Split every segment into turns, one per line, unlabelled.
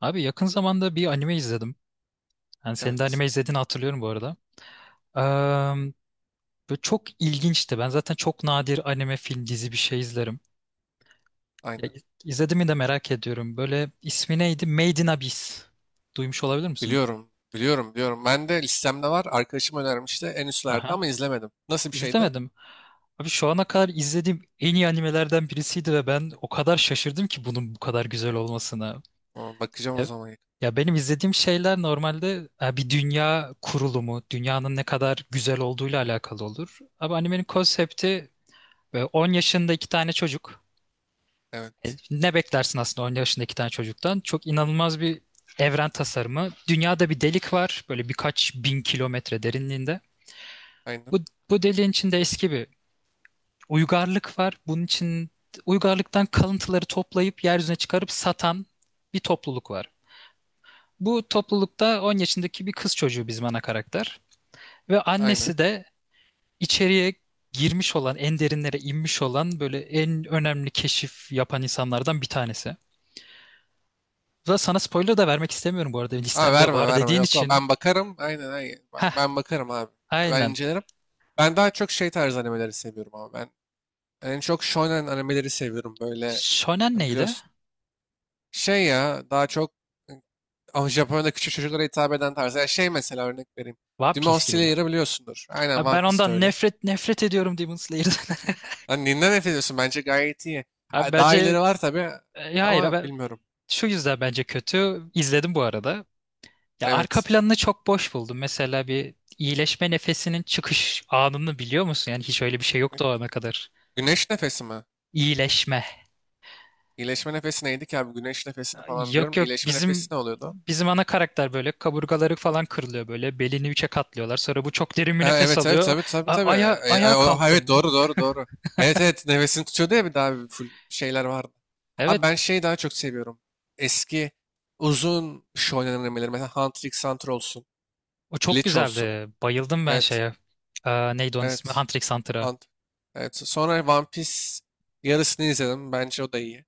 Abi yakın zamanda bir anime izledim. Yani senin de anime
Evet.
izlediğini hatırlıyorum bu arada. Eee, Böyle çok ilginçti. Ben zaten çok nadir anime, film, dizi bir şey izlerim. Ya,
Aynen.
izlediğimi de merak ediyorum. Böyle ismi neydi? Made in Abyss. Duymuş olabilir misin?
Biliyorum. Biliyorum. Biliyorum. Ben de listemde var. Arkadaşım önermişti. En üstlerde
Aha.
ama izlemedim. Nasıl bir şeydi?
İzlemedim. Abi şu ana kadar izlediğim en iyi animelerden birisiydi ve ben o kadar şaşırdım ki bunun bu kadar güzel olmasına.
Aa, bakacağım o
Ya,
zaman.
ya benim izlediğim şeyler normalde bir dünya kurulumu, dünyanın ne kadar güzel olduğuyla alakalı olur. Ama animenin konsepti 10 yaşında iki tane çocuk.
Evet.
Ne beklersin aslında 10 yaşında iki tane çocuktan? Çok inanılmaz bir evren tasarımı. Dünyada bir delik var, böyle birkaç bin kilometre derinliğinde.
Aynen.
Bu, bu deliğin içinde eski bir uygarlık var. Bunun için uygarlıktan kalıntıları toplayıp yeryüzüne çıkarıp satan bir topluluk var. Bu toplulukta 10 yaşındaki bir kız çocuğu bizim ana karakter. Ve
Aynen.
annesi de içeriye girmiş olan, en derinlere inmiş olan böyle en önemli keşif yapan insanlardan bir tanesi. Burada sana spoiler da vermek istemiyorum bu arada.
Abi
Listemde
verme
var
verme.
dediğin
Yok o.
için.
Ben bakarım. Aynen aynen. Ben,
Heh,
ben bakarım abi. Ben
aynen.
incelerim. Ben daha çok şey tarzı animeleri seviyorum ama ben en çok shonen animeleri seviyorum böyle
Shonen neydi?
biliyorsun. Şey ya daha çok e, ama Japonya'da küçük çocuklara hitap eden tarzı. Yani şey mesela örnek vereyim.
One
Demon
Piece gibi bu.
Slayer'ı biliyorsundur. Aynen
Abi
One
ben
Piece de
ondan
öyle.
nefret nefret ediyorum Demon Slayer'dan.
Lan ninden nefret ediyorsun? Bence gayet iyi.
Abi
Ha, daha
bence
iyileri var tabii
hayır
ama
abi
bilmiyorum.
şu yüzden bence kötü. İzledim bu arada. Ya arka
Evet.
planını çok boş buldum. Mesela bir iyileşme nefesinin çıkış anını biliyor musun? Yani hiç öyle bir şey yoktu o ana kadar.
Güneş nefesi mi?
İyileşme.
İyileşme nefesi neydi ki abi? Güneş nefesini falan
Yok
biliyorum.
yok
İyileşme
bizim
nefesi ne oluyordu?
bizim ana karakter böyle kaburgaları falan kırılıyor böyle. Belini üçe katlıyorlar. Sonra bu çok derin bir
Ha,
nefes
evet evet
alıyor.
tabii tabii tabii.
Ayağa
Ha, evet
kalktım.
doğru doğru doğru. Evet evet nefesini tutuyordu ya bir daha bir full şeyler vardı.
Evet
Abi ben şeyi daha çok seviyorum. Eski uzun iş oynanan mesela Hunter x Hunter olsun.
o çok
Bleach olsun.
güzeldi. Bayıldım ben
Evet
şeye. Aa, neydi onun ismi?
evet.
Hunter x Hunter'a.
Ant- Evet. Sonra One Piece yarısını izledim. Bence o da iyi.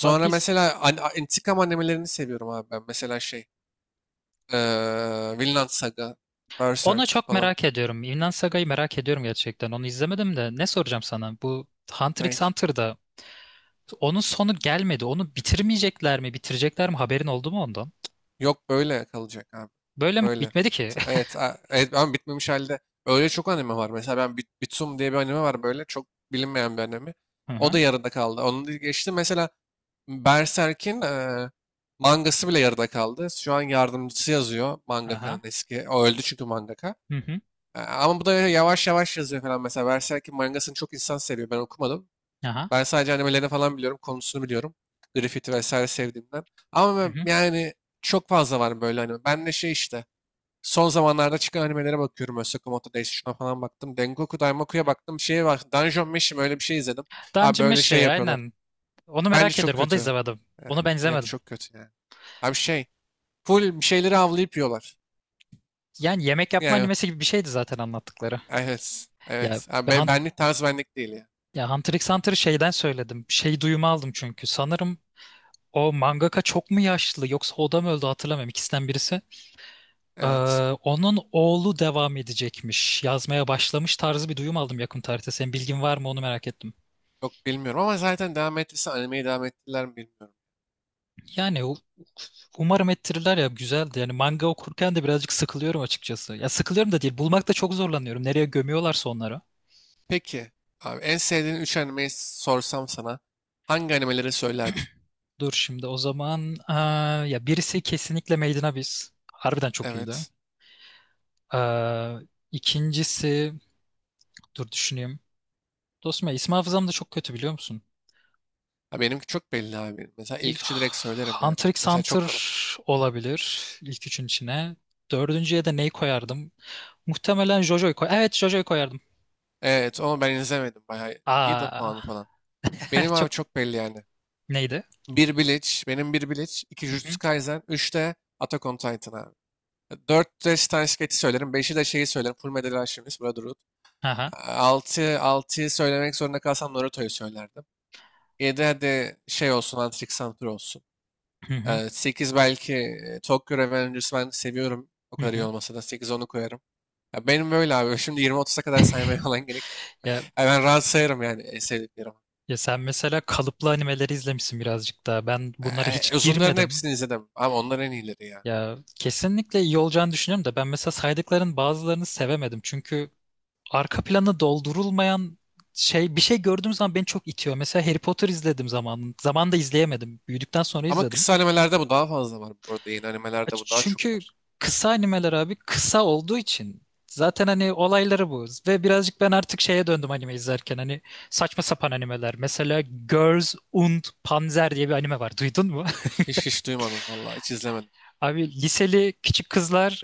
One Piece.
mesela intikam animelerini seviyorum abi ben. Mesela şey, Vinland Saga,
Onu
Berserk
çok
falan.
merak ediyorum. Vinland Saga'yı merak ediyorum gerçekten. Onu izlemedim de ne soracağım sana? Bu Hunter x
Ney?
Hunter'da onun sonu gelmedi. Onu bitirmeyecekler mi? Bitirecekler mi? Haberin oldu mu ondan?
Yok böyle kalacak abi.
Böyle mi?
Böyle.
Bitmedi ki.
Evet, evet ama bitmemiş halde öyle çok anime var. Mesela ben Bitsum diye bir anime var böyle çok bilinmeyen bir anime.
Hı
O
hı.
da yarıda kaldı. Onu da geçtim. Mesela Berserk'in mangası bile yarıda kaldı. Şu an yardımcısı yazıyor
Aha.
mangakanın eski. O öldü çünkü mangaka.
Hı hı.
Ama bu da yavaş yavaş yazıyor falan. Mesela Berserk'in mangasını çok insan seviyor. Ben okumadım.
Aha.
Ben sadece animelerini falan biliyorum. Konusunu biliyorum. Griffith'i vesaire sevdiğimden. Ama
Hı hı.
yani çok fazla var böyle anime. Ben de şey işte. Son zamanlarda çıkan animelere bakıyorum. Osaka Moto Days şuna falan baktım. Dengoku Daimoku'ya baktım. Şeye bak. Dungeon Meshi öyle bir şey izledim. Abi
Dungeon
böyle
Meshi
şey yapıyorlar.
aynen. Onu
Bence
merak
çok
ediyorum. Onu da
kötü.
izlemedim. Onu ben
Yok
izlemedim.
çok kötü yani. Abi şey, full bir şeyleri avlayıp yiyorlar.
Yani yemek yapma
Yani
animesi gibi bir şeydi zaten anlattıkları.
evet,
Ya,
evet. Abi
ve Hun-
benlik tarz benlik değil ya.
ya Hunter x Hunter'ı şeyden söyledim. Şey duyumu aldım çünkü. Sanırım o mangaka çok mu yaşlı yoksa o da mı öldü hatırlamıyorum. İkisinden birisi. Ee,
Evet.
Onun oğlu devam edecekmiş. Yazmaya başlamış tarzı bir duyum aldım yakın tarihte. Senin bilgin var mı onu merak ettim.
Yok bilmiyorum ama zaten devam ettiyse animeyi devam ettiler mi bilmiyorum.
Yani umarım ettirirler ya güzeldi. Yani manga okurken de birazcık sıkılıyorum açıkçası. Ya sıkılıyorum da değil. Bulmakta çok zorlanıyorum. Nereye gömüyorlarsa onları.
Peki, abi en sevdiğin 3 animeyi sorsam sana hangi animeleri söylerdin?
Dur şimdi o zaman ya birisi kesinlikle Made in Abyss. Harbiden çok iyiydi.
Evet.
Ee, ikincisi dur düşüneyim. Dostum ya isim hafızam da çok kötü biliyor musun?
Ha, benimki çok belli abi. Mesela ilk
Bir-
üçü direkt söylerim yani.
Hunter x
Mesela çok
Hunter
kolay.
olabilir ilk üçün içine. Dördüncüye de neyi koyardım? Muhtemelen JoJo'yu koy. Evet JoJo'yu koyardım.
Evet, onu ben izlemedim. Bayağı iyi de
Aa,
puanı falan. Benim
çok
abi çok belli yani.
neydi?
Bir Bleach, benim bir Bleach, 2
Hı hı.
Jujutsu Kaisen, 3 de Attack on Titan abi. 4 de Steins Gate'i söylerim. 5'i de şeyi söylerim. Fullmetal Alchemist, Brotherhood.
Aha.
Altı 6'yı söylemek zorunda kalsam Naruto'yu söylerdim. Yedi, hadi şey olsun, Hunter x Hunter olsun.
Hı hı.
Sekiz belki Tokyo Revengers'ı ben seviyorum. O
Hı
kadar iyi
hı.
olmasa da 8 onu koyarım. Ya benim böyle abi. Şimdi 20-30'a kadar saymaya falan gerek.
Ya,
Ya ben rahat sayarım yani sevdiklerim.
ya sen mesela kalıplı animeleri izlemişsin birazcık daha. Ben bunlara hiç
Uzunların
girmedim.
hepsini izledim. Ama onlar en iyileri ya.
Ya kesinlikle iyi olacağını düşünüyorum da ben mesela saydıkların bazılarını sevemedim. Çünkü arka planı doldurulmayan şey bir şey gördüğüm zaman beni çok itiyor. Mesela Harry Potter izledim zaman. Zamanında izleyemedim. Büyüdükten sonra
Ama
izledim.
kısa animelerde bu daha fazla var. Bu arada yeni animelerde bu daha çok
Çünkü
var.
kısa animeler abi kısa olduğu için zaten hani olayları bu. Ve birazcık ben artık şeye döndüm anime izlerken. Hani saçma sapan animeler. Mesela Girls und Panzer diye bir anime var. Duydun mu?
Hiç hiç duymadım vallahi hiç izlemedim.
Abi liseli küçük kızlar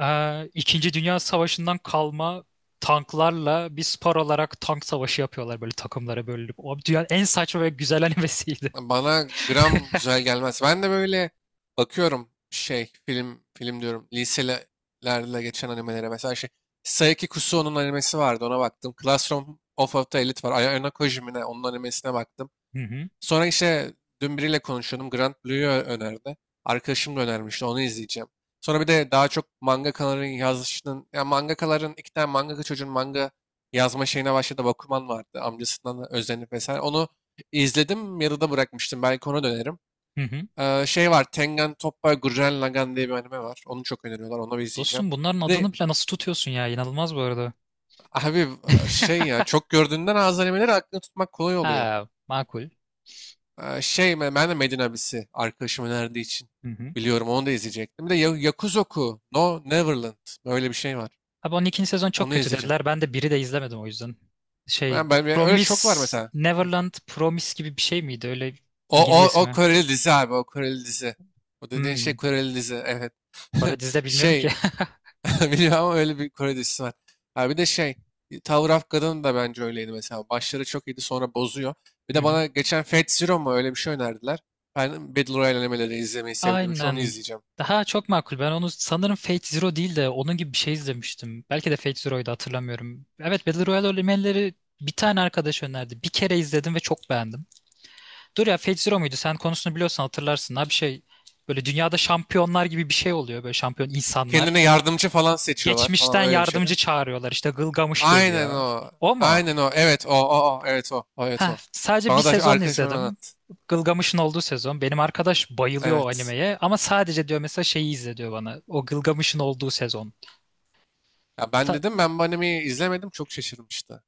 İkinci Dünya Savaşı'ndan kalma tanklarla bir spor olarak tank savaşı yapıyorlar böyle takımlara bölünüp. O dünyanın en saçma ve güzel animesiydi.
Bana gram güzel gelmez. Ben de böyle bakıyorum şey film film diyorum liselerle geçen animelere. Mesela şey Saiki Kusuo'nun animesi vardı ona baktım. Classroom of a Elite var. Ayano Kojimine onun animesine baktım.
Hı hı,
Sonra işte dün biriyle konuşuyordum. Grand Blue'yu önerdi. Arkadaşım da önermişti. Onu izleyeceğim. Sonra bir de daha çok mangakaların yazışının, ya mangakaların iki tane mangaka çocuğun manga yazma şeyine başladı. Bakuman vardı. Amcasından da özenip vesaire. Onu izledim. Yarıda bırakmıştım. Belki ona dönerim.
hı hı.
Şey var. Tengen Toppa Gurren Lagann diye bir anime var. Onu çok öneriyorlar. Onu bir izleyeceğim.
Dostum bunların
Bir de,
adını bile nasıl tutuyorsun ya? İnanılmaz bu arada.
abi şey ya çok gördüğünden az animeleri aklını tutmak kolay oluyor.
Ha, makul.
Şey ben de Medin abisi arkadaşım önerdiği için
Hı hı.
biliyorum onu da izleyecektim. Bir de Yakuzoku No Neverland böyle bir şey var.
Abi 12. sezon çok
Onu
kötü
izleyeceğim.
dediler. Ben de biri de izlemedim o yüzden. Şey,
Öyle çok var
Promise
mesela.
Neverland Promise gibi bir şey miydi? Öyle
O
İngilizce
o o
ismi.
Koreli dizi abi o Koreli dizi. O dediğin
Hmm.
şey Koreli dizi evet.
Bu arada dizide bilmiyorum ki.
Şey biliyorum ama öyle bir Kore dizisi var. Ha, bir de şey Tower of God'un da bence öyleydi mesela. Başları çok iyiydi sonra bozuyor. Bir
Hı
de
hı.
bana geçen Fate Zero mu öyle bir şey önerdiler. Ben Battle Royale animeleri izlemeyi sevdiğim için onu
Aynen.
izleyeceğim.
Daha çok makul. Ben onu sanırım Fate Zero değil de onun gibi bir şey izlemiştim. Belki de Fate Zero'ydu hatırlamıyorum. Evet Battle Royale elementleri bir tane arkadaş önerdi. Bir kere izledim ve çok beğendim. Dur ya Fate Zero muydu? Sen konusunu biliyorsan hatırlarsın. Ha bir şey böyle dünyada şampiyonlar gibi bir şey oluyor. Böyle şampiyon insanlar.
Kendine yardımcı falan seçiyorlar
Geçmişten
falan öyle bir şey değil
yardımcı
mi?
çağırıyorlar. İşte Gılgamış
Aynen
geliyor.
o.
O mu?
Aynen o. Evet o o o. Evet o. O evet
Heh,
o.
sadece bir
Bana da
sezon
arkadaşım öyle
izledim.
anlattı.
Gılgamış'ın olduğu sezon. Benim arkadaş bayılıyor o
Evet.
animeye ama sadece diyor mesela şeyi izle diyor bana. O Gılgamış'ın olduğu sezon.
Ya ben
Sa-
dedim ben bu animeyi izlemedim çok şaşırmıştı.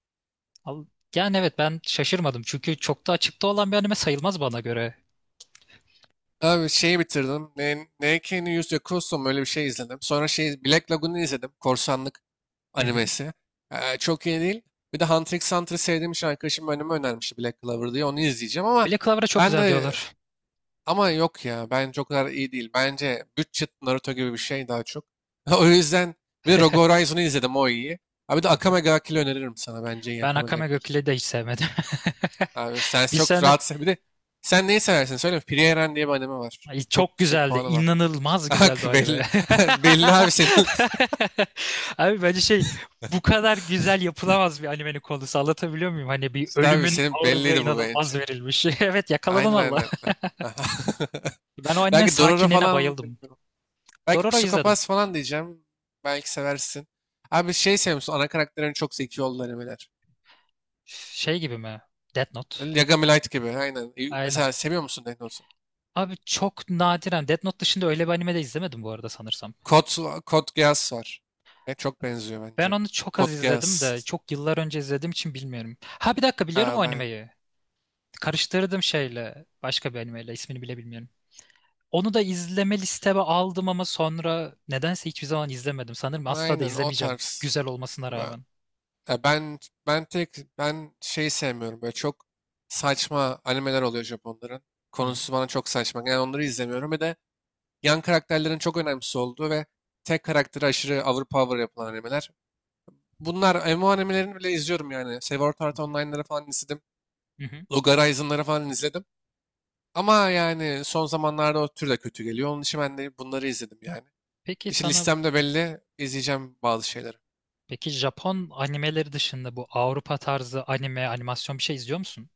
Al- Yani evet ben şaşırmadım çünkü çok da açıkta olan bir anime sayılmaz bana göre.
Abi şeyi bitirdim. Neiki no Yakuso mu öyle bir şey izledim. Sonra şey Black Lagoon'u izledim. Korsanlık
Hı hı.
animesi. Çok iyi değil. Bir de Hunter x Hunter'ı sevdiğim için arkadaşım önüme önermişti Black Clover diye. Onu izleyeceğim
Black Clover'a çok
ben
güzel
de
diyorlar.
ama yok ya bence o kadar iyi değil. Bence Budget Naruto gibi bir şey daha çok. O yüzden bir de Rogue Horizon'u izledim o iyi. Abi de
Hı hı.
Akame ga Kill'i öneririm sana bence iyi
Ben
Akame ga
Akame ga
Kill.
Kill'i de hiç sevmedim.
Abi sen
Bir
çok
sene
rahatsın. Bir de sen neyi seversin söyle. Frieren Eren diye bir anime var.
Ay,
Çok
çok
yüksek
güzeldi.
puanı var.
İnanılmaz
Bak
güzeldi o anime.
belli. belli abi senin.
Abi bence şey bu kadar güzel yapılamaz bir animenin konusu. Anlatabiliyor muyum? Hani bir
İşte abi
ölümün
senin
ağırlığı
belliydi bu
inanılmaz
bence.
verilmiş. Evet yakaladın
Aynen
Allah.
aynen.
Ben o anime
Belki Dororo
sakinliğine
falan
bayıldım.
bilmiyorum. Belki
Dororo izledim.
psikopat falan diyeceğim. Belki seversin. Abi şey seviyor musun? Ana karakterlerin çok zeki yol animeler.
Şey gibi mi? Death Note.
Yagami Light gibi. Aynen.
Aynen.
Mesela seviyor musun Death Note'u?
Abi çok nadiren Death Note dışında öyle bir anime de izlemedim bu arada sanırsam.
Code Geass var. Ve çok benziyor
Ben
bence.
onu çok az
Code
izledim de
Geass.
çok yıllar önce izlediğim için bilmiyorum. Ha bir dakika biliyorum
Ha,
o
ben.
animeyi. Karıştırdım şeyle başka bir animeyle ismini bile bilmiyorum. Onu da izleme listeme aldım ama sonra nedense hiçbir zaman izlemedim. Sanırım asla da
Aynen o
izlemeyeceğim
tarz.
güzel olmasına
Ben,
rağmen.
ya ben, ben tek ben şey sevmiyorum. Böyle çok saçma animeler oluyor Japonların.
Hı hı,
Konusu bana çok saçma. Yani onları izlemiyorum. Bir de yan karakterlerin çok önemsiz olduğu ve tek karakteri aşırı overpower yapılan animeler. Bunlar MMORPG'lerini bile izliyorum yani. Sword
hı
Art
hı,
Online'ları falan izledim.
hı hı.
Log Horizon'ları falan izledim. Ama yani son zamanlarda o tür de kötü geliyor. Onun için ben de bunları izledim yani.
Peki
İşte
sana
listemde belli izleyeceğim bazı şeyleri.
peki Japon animeleri dışında bu Avrupa tarzı anime animasyon bir şey izliyor musun?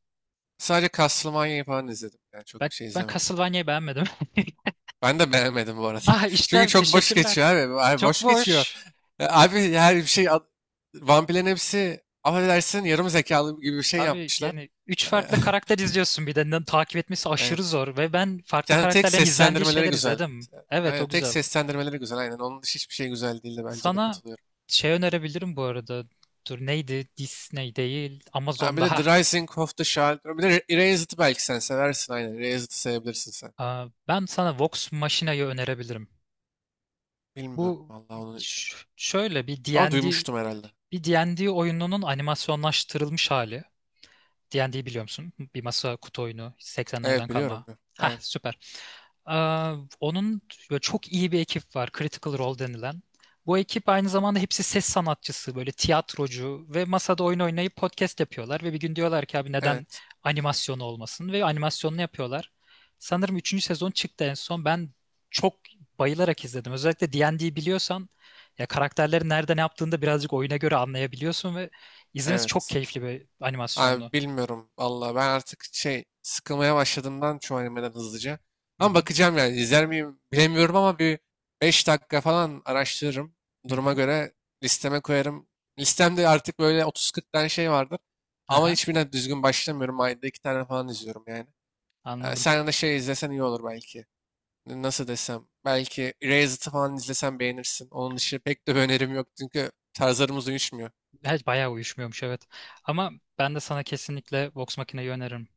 Sadece Castlevania'yı falan izledim. Yani çok
Ben
şey
ben
izlemedim.
Castlevania'yı beğenmedim.
Ben de beğenmedim bu arada.
Ah işte
Çünkü
abi,
çok boş
teşekkürler.
geçiyor abi. Abi
Çok
boş geçiyor.
boş.
Abi her bir şey vampirlerin hepsi affedersin yarım zekalı gibi bir şey
Abi
yapmışlar.
yani üç
E,
farklı karakter izliyorsun bir de takip etmesi aşırı
Evet.
zor ve ben farklı
Yani tek
karakterlerin izlendiği
seslendirmeleri
şeyler
güzel.
izledim. Evet
Aynen
o
tek
güzel.
seslendirmeleri güzel. Aynen onun dışı hiçbir şey güzel değildi bence de
Sana
katılıyorum.
şey önerebilirim bu arada. Dur neydi? Disney değil.
Ha,
Amazon
bir de
daha.
The Rising of the Shard. Bir de Erased'ı belki sen seversin aynen. Erased'ı sevebilirsin sen.
Aa, ben sana Vox Machina'yı önerebilirim.
Bilmiyorum
Bu
vallahi onu sevemedim.
şöyle
Ama duymuştum herhalde.
bir D&D oyununun animasyonlaştırılmış hali. D&D biliyor musun? Bir masa kutu oyunu
Evet
80'lerden
biliyorum.
kalma. Hah
Aynen.
süper. Aa, onun böyle çok iyi bir ekip var. Critical Role denilen. Bu ekip aynı zamanda hepsi ses sanatçısı, böyle tiyatrocu ve masada oyun oynayıp podcast yapıyorlar ve bir gün diyorlar ki abi neden
Evet.
animasyonu olmasın ve animasyonunu yapıyorlar. Sanırım üçüncü sezon çıktı en son. Ben çok bayılarak izledim. Özellikle D&D biliyorsan ya karakterlerin nerede ne yaptığını da birazcık oyuna göre anlayabiliyorsun ve izlemesi çok
Evet.
keyifli bir animasyonlu.
Abi bilmiyorum valla ben artık şey sıkılmaya başladığımdan çoğu animeden hızlıca.
Hı
Ama
hı.
bakacağım yani izler miyim bilemiyorum ama bir 5 dakika falan araştırırım.
Hı
Duruma
hı.
göre listeme koyarım. Listemde artık böyle 30-40 tane şey vardır. Ama
Aha,
hiçbirine düzgün başlamıyorum. Ayda iki tane falan izliyorum yani.
anladım.
Sen de şey izlesen iyi olur belki. Nasıl desem. Belki Erased falan izlesen beğenirsin. Onun dışı pek de bir önerim yok çünkü tarzlarımız uyuşmuyor.
Her bayağı uyuşmuyormuş evet. Ama ben de sana kesinlikle Vox makineyi öneririm.